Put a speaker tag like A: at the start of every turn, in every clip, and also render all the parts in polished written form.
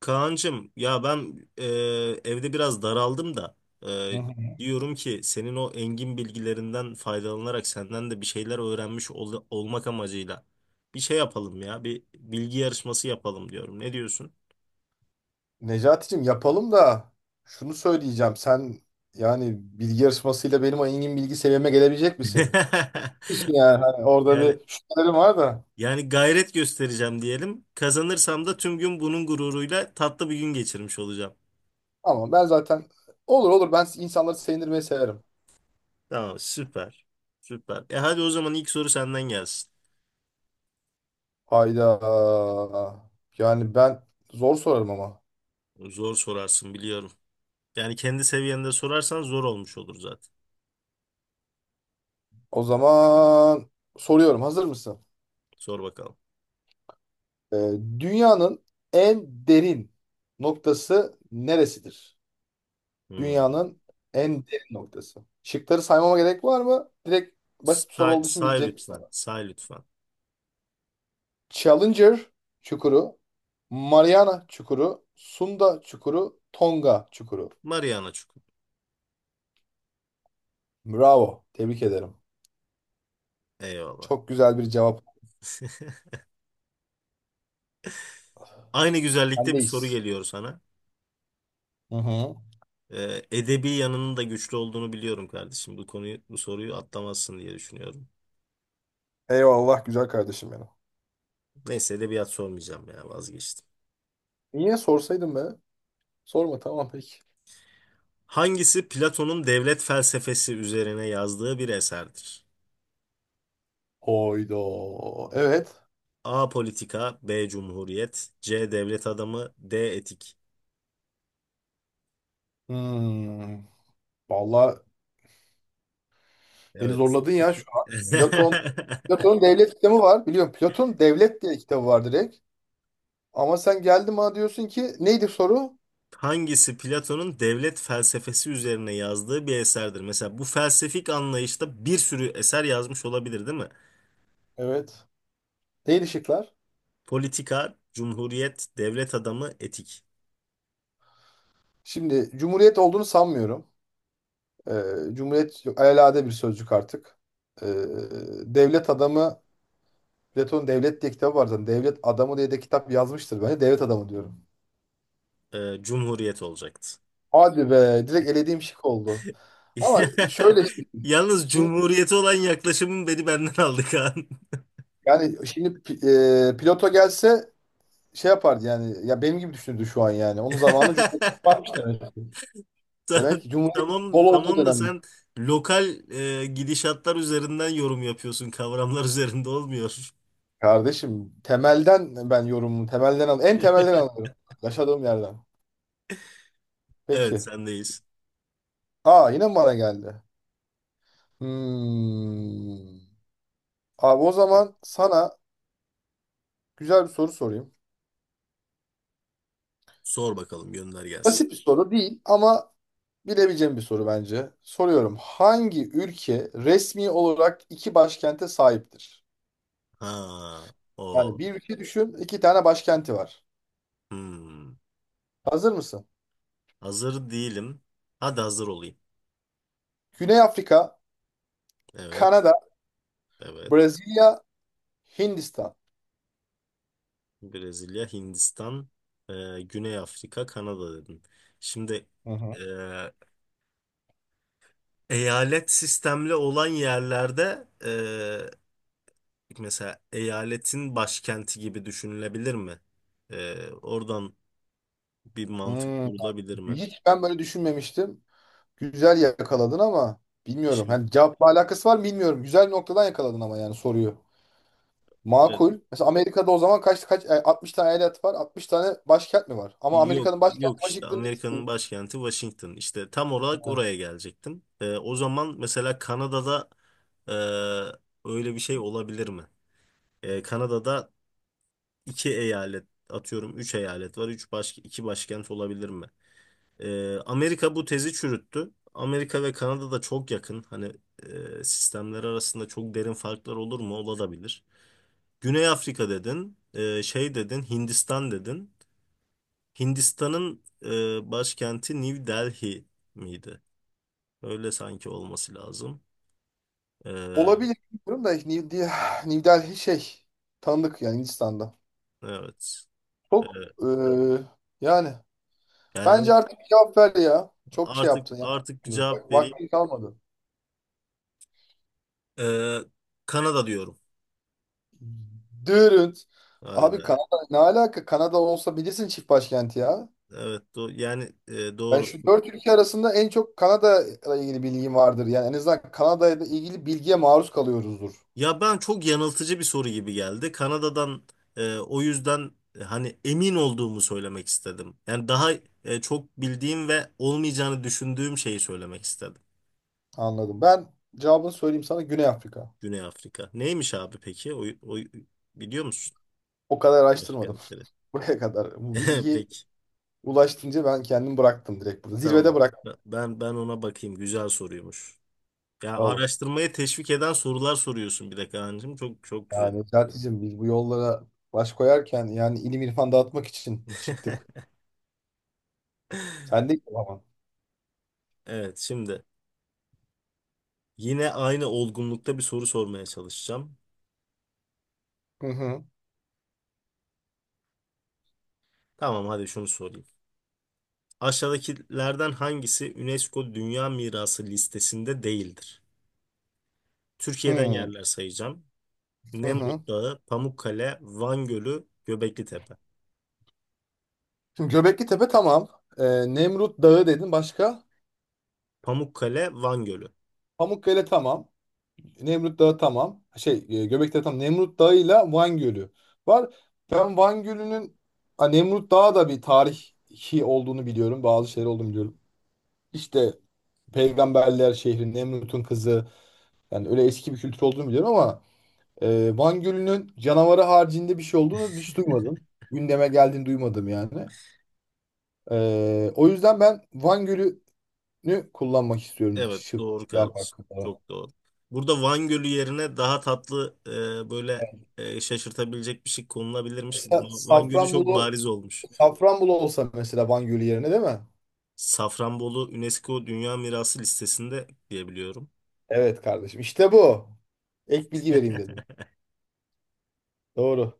A: Kaan'cığım ya ben evde biraz daraldım da
B: Hı
A: e,
B: hı.
A: diyorum ki senin o engin bilgilerinden faydalanarak senden de bir şeyler öğrenmiş olmak amacıyla bir şey yapalım ya bir bilgi yarışması yapalım diyorum. Ne diyorsun?
B: Necati'cim yapalım da şunu söyleyeceğim. Sen yani bilgi yarışmasıyla benim engin bilgi seviyeme gelebilecek misin? Biliyorsun yani hani orada
A: Yani
B: bir şüphelerim var da.
A: yani gayret göstereceğim diyelim. Kazanırsam da tüm gün bunun gururuyla tatlı bir gün geçirmiş olacağım.
B: Ama ben zaten olur olur ben insanları sevindirmeyi severim.
A: Tamam, süper. Süper. E, hadi o zaman ilk soru senden gelsin.
B: Hayda. Yani ben zor sorarım ama.
A: Zor sorarsın biliyorum. Yani kendi seviyende sorarsan zor olmuş olur zaten.
B: O zaman soruyorum. Hazır mısın?
A: Sor bakalım.
B: Ee, Dünyanın en derin noktası neresidir?
A: Hmm.
B: Dünyanın en derin noktası. Şıkları saymama gerek var mı? Direkt basit bir soru
A: Say,
B: olduğu için
A: say
B: bilecek misin
A: lütfen.
B: ama.
A: Say lütfen.
B: Challenger çukuru, Mariana çukuru, Sunda çukuru, Tonga çukuru.
A: Mariana Çukur.
B: Bravo. Tebrik ederim.
A: Eyvallah.
B: Çok güzel bir cevap.
A: Aynı güzellikte bir soru
B: Sendeyiz.
A: geliyor sana.
B: Hı hı.
A: Edebi yanının da güçlü olduğunu biliyorum kardeşim. Bu konuyu, bu soruyu atlamazsın diye düşünüyorum.
B: Eyvallah güzel kardeşim benim.
A: Neyse edebiyat sormayacağım ya, vazgeçtim.
B: Niye sorsaydın be? Sorma tamam peki.
A: Hangisi Platon'un devlet felsefesi üzerine yazdığı bir eserdir?
B: Hoydo. Evet.
A: A. Politika, B. Cumhuriyet, C. Devlet adamı, D. Etik.
B: Hmm. Vallahi beni
A: Evet.
B: zorladın ya şu an. Platon'un devlet kitabı var. Biliyorum Platon devlet diye kitabı var direkt. Ama sen geldin bana diyorsun ki neydi soru?
A: Hangisi Platon'un devlet felsefesi üzerine yazdığı bir eserdir? Mesela bu felsefik anlayışta bir sürü eser yazmış olabilir, değil mi?
B: Evet. Neydi şıklar?
A: Politika, Cumhuriyet, Devlet Adamı, Etik.
B: Şimdi cumhuriyet olduğunu sanmıyorum. Ee, Cumhuriyet yok, alelade bir sözcük artık. Ee, Devlet adamı, Platon devlet diye kitabı var zaten. Devlet adamı diye de kitap yazmıştır. Ben de devlet adamı diyorum.
A: Cumhuriyet olacaktı.
B: Hadi be direkt elediğim şık oldu. Ama şöyle
A: Yalnız
B: şimdi
A: Cumhuriyeti olan yaklaşımın beni benden aldı Kaan.
B: yani Plato gelse şey yapardı yani. Ya benim gibi düşündü şu an yani. Onun zamanı Cumhuriyet varmış demek.
A: Ta-
B: Demek ki Cumhuriyet
A: Tamam,
B: bol olduğu
A: tamam da
B: dönemde.
A: sen lokal gidişatlar üzerinden yorum yapıyorsun, kavramlar üzerinde olmuyor.
B: Kardeşim temelden ben yorumumu temelden al en temelden alıyorum. Yaşadığım yerden.
A: Evet,
B: Peki.
A: sendeyiz.
B: Aa yine mi bana geldi? Hmm. Abi o zaman sana güzel bir soru sorayım.
A: Sor bakalım, gönder gelsin.
B: Basit bir soru değil ama bilebileceğim bir soru bence. Soruyorum. Hangi ülke resmi olarak iki başkente sahiptir?
A: Ha,
B: Yani
A: o.
B: bir ülke düşün, iki tane başkenti var.
A: Hmm.
B: Hazır mısın?
A: Hazır değilim. Hadi hazır olayım.
B: Güney Afrika,
A: Evet,
B: Kanada,
A: evet.
B: Brezilya, Hindistan.
A: Brezilya, Hindistan, Güney Afrika, Kanada dedin. Şimdi
B: Hı hı.
A: e, eyalet sistemli olan yerlerde mesela eyaletin başkenti gibi düşünülebilir mi? Oradan bir mantık
B: Hmm.
A: kurulabilir mi?
B: Hiç ben böyle düşünmemiştim. Güzel yakaladın ama bilmiyorum.
A: Şimdi
B: Hani cevapla alakası var mı bilmiyorum. Güzel bir noktadan yakaladın ama yani soruyu.
A: evet.
B: Makul. Mesela Amerika'da o zaman kaç 60 tane eyalet var, 60 tane başkent mi var? Ama
A: Yok,
B: Amerika'nın başkenti
A: yok, işte
B: Washington
A: Amerika'nın
B: DC.
A: başkenti Washington. İşte tam olarak oraya gelecektim. O zaman mesela Kanada'da öyle bir şey olabilir mi? Kanada'da iki eyalet, atıyorum üç eyalet var. Üç baş, iki başkent olabilir mi? Amerika bu tezi çürüttü. Amerika ve Kanada da çok yakın. Hani sistemler arasında çok derin farklar olur mu? Olabilir. Güney Afrika dedin, şey dedin, Hindistan dedin. Hindistan'ın başkenti New Delhi miydi? Öyle sanki olması lazım. E,
B: Olabilir bilmiyorum da New Delhi şey tanıdık yani Hindistan'da.
A: evet. E,
B: Çok e, yani
A: yani
B: bence
A: evet,
B: artık cevap ver ya. Çok şey
A: artık
B: yaptın ya.
A: artık bir cevap
B: Bak,
A: vereyim.
B: vaktin kalmadı.
A: E, Kanada diyorum.
B: Dürünt.
A: Hadi be.
B: Abi Kanada ne alaka? Kanada olsa bilirsin çift başkenti ya.
A: Evet, yani
B: Ben
A: doğru.
B: şu dört ülke arasında en çok Kanada ile ilgili bilgim vardır. Yani en azından Kanada ile ilgili bilgiye maruz kalıyoruzdur.
A: Ya, ben çok yanıltıcı bir soru gibi geldi. Kanada'dan o yüzden, hani emin olduğumu söylemek istedim. Yani daha çok bildiğim ve olmayacağını düşündüğüm şeyi söylemek istedim.
B: Anladım. Ben cevabını söyleyeyim sana, Güney Afrika.
A: Güney Afrika. Neymiş abi peki? O, o biliyor musun
B: O kadar araştırmadım.
A: başkentleri?
B: Buraya kadar. Bu bilgi
A: Peki.
B: ulaştınca ben kendim bıraktım direkt burada. Zirvede
A: Tamam.
B: bıraktım.
A: Ben ona bakayım. Güzel soruymuş. Ya,
B: Olur.
A: araştırmaya teşvik eden sorular soruyorsun bir de Kaan'cığım. Çok çok güzel.
B: Yani, Necati'cim, biz bu yollara baş koyarken yani ilim irfan dağıtmak için çıktık. Sen de ama.
A: Evet, şimdi yine aynı olgunlukta bir soru sormaya çalışacağım.
B: Hı hı.
A: Tamam, hadi şunu sorayım. Aşağıdakilerden hangisi UNESCO Dünya Mirası listesinde değildir? Türkiye'den
B: Hı
A: yerler sayacağım.
B: hı. hı.
A: Nemrut Dağı, Pamukkale, Van Gölü, Göbekli Tepe.
B: Şimdi Göbekli Tepe tamam. Ee, Nemrut Dağı dedin başka.
A: Pamukkale, Van Gölü.
B: Pamukkale tamam. Nemrut Dağı tamam. Göbekli Tepe tamam. Nemrut Dağı ile Van Gölü var. Ben Van Gölü'nün ha, Nemrut Dağı da bir tarihi olduğunu biliyorum. Bazı şeyler olduğunu biliyorum. İşte Peygamberler şehri, Nemrut'un kızı. Yani öyle eski bir kültür olduğunu biliyorum ama Van Gölü'nün canavarı haricinde bir şey olduğunu hiç duymadım. Gündeme geldiğini duymadım yani. O yüzden ben Van Gölü'nü kullanmak istiyorum.
A: Evet,
B: Şıp,
A: doğru
B: laf
A: kardeşim.
B: hakkı falan.
A: Çok doğru. Burada Van Gölü yerine daha tatlı böyle şaşırtabilecek bir şey konulabilirmiş.
B: Mesela
A: Van Gölü çok
B: Safranbolu,
A: bariz olmuş.
B: Safranbolu olsa mesela Van Gölü yerine değil mi?
A: Safranbolu UNESCO Dünya Mirası listesinde diyebiliyorum.
B: Evet kardeşim, İşte bu. Ek bilgi vereyim dedim. Doğru.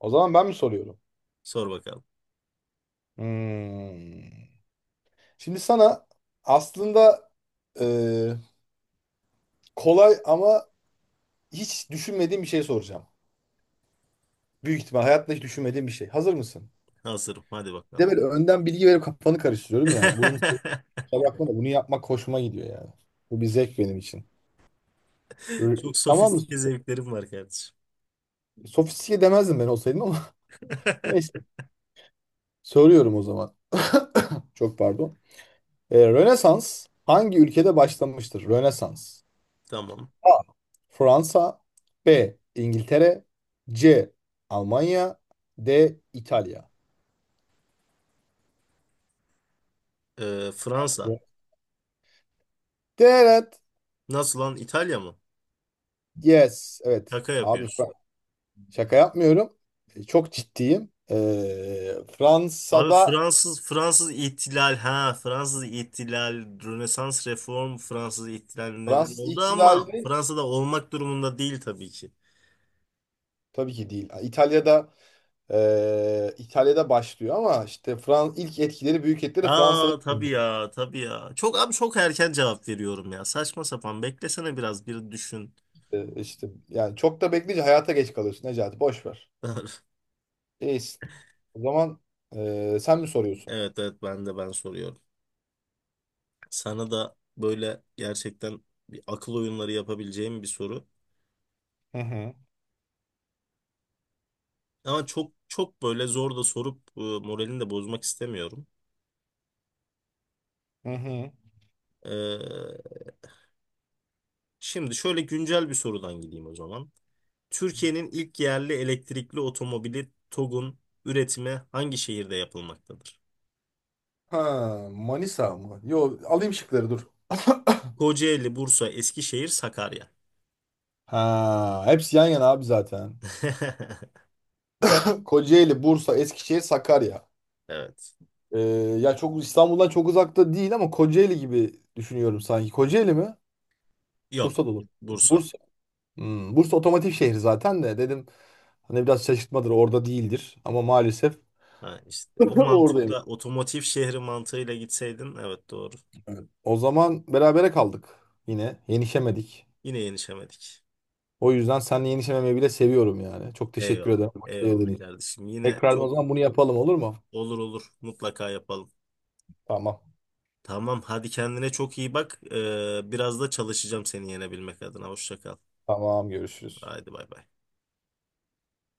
B: O zaman ben mi soruyorum?
A: Sor bakalım.
B: Hmm. Şimdi sana aslında e, kolay ama hiç düşünmediğim bir şey soracağım. Büyük ihtimal hayatta hiç düşünmediğim bir şey. Hazır mısın?
A: Hazırım. Hadi
B: Bir
A: bakalım.
B: de böyle önden bilgi verip kafanı karıştırıyorum ya. Bunun kusura bakma da bunu yapmak hoşuma gidiyor yani. Bu bir zevk benim için. R-
A: Çok
B: Tamam mı?
A: sofistike zevklerim var kardeşim.
B: Sofistike demezdim ben olsaydım ama neyse. Soruyorum o zaman. Çok pardon. Rönesans hangi ülkede başlamıştır? Rönesans.
A: Tamam.
B: A. Fransa. B. İngiltere. C. Almanya. D. İtalya.
A: Fransa.
B: Rö- Evet.
A: Nasıl lan? İtalya mı?
B: Yes. Evet.
A: Şaka
B: Abi
A: yapıyorsun.
B: şaka yapmıyorum. Çok ciddiyim.
A: Abi
B: Fransa'da
A: Fransız ihtilal, Rönesans, reform, Fransız ihtilal neden
B: Fransız
A: oldu ama
B: ihtilali
A: Fransa'da olmak durumunda değil tabii ki.
B: tabii ki değil. İtalya'da İtalya'da başlıyor ama işte ilk etkileri büyük etkileri Fransa'da
A: Aa, tabii ya, tabii ya. Çok abi, çok erken cevap veriyorum ya. Saçma sapan, beklesene biraz, bir düşün.
B: işte yani çok da bekleyince hayata geç kalıyorsun Necati, boş ver. İyisin. O zaman sen mi soruyorsun?
A: Evet, evet, ben soruyorum. Sana da böyle gerçekten bir akıl oyunları yapabileceğim bir soru.
B: Hı hı.
A: Ama çok çok böyle zor da sorup moralini de bozmak istemiyorum.
B: Hı hı.
A: Şimdi şöyle güncel bir sorudan gideyim o zaman. Türkiye'nin ilk yerli elektrikli otomobili TOGG'un üretimi hangi şehirde yapılmaktadır?
B: Ha, Manisa mı? Yo alayım şıkları dur.
A: Kocaeli, Bursa, Eskişehir, Sakarya.
B: Ha, hepsi yan yana abi zaten. Kocaeli, Bursa, Eskişehir, Sakarya.
A: Evet.
B: Ee, ya çok İstanbul'dan çok uzakta değil ama Kocaeli gibi düşünüyorum sanki. Kocaeli mi?
A: Yok.
B: Bursa'da olur.
A: Bursa.
B: Bursa. Hmm, Bursa otomotiv şehri zaten de dedim hani biraz şaşırtmadır orada değildir ama maalesef
A: Ha, işte. O
B: oradayım.
A: mantıkla, otomotiv şehri mantığıyla gitseydin, evet doğru.
B: O zaman berabere kaldık, yine yenişemedik.
A: Yine yenişemedik.
B: O yüzden seninle yenişememeyi bile seviyorum yani. Çok teşekkür
A: Eyvallah.
B: ederim vakit
A: Eyvallah
B: ayırdığın için.
A: kardeşim. Yine
B: Tekrardan o
A: çok
B: zaman bunu yapalım, olur mu?
A: olur, olur. Mutlaka yapalım.
B: Tamam.
A: Tamam, hadi kendine çok iyi bak. Biraz da çalışacağım seni yenebilmek adına. Hoşça kal.
B: Tamam görüşürüz.
A: Haydi bay bay.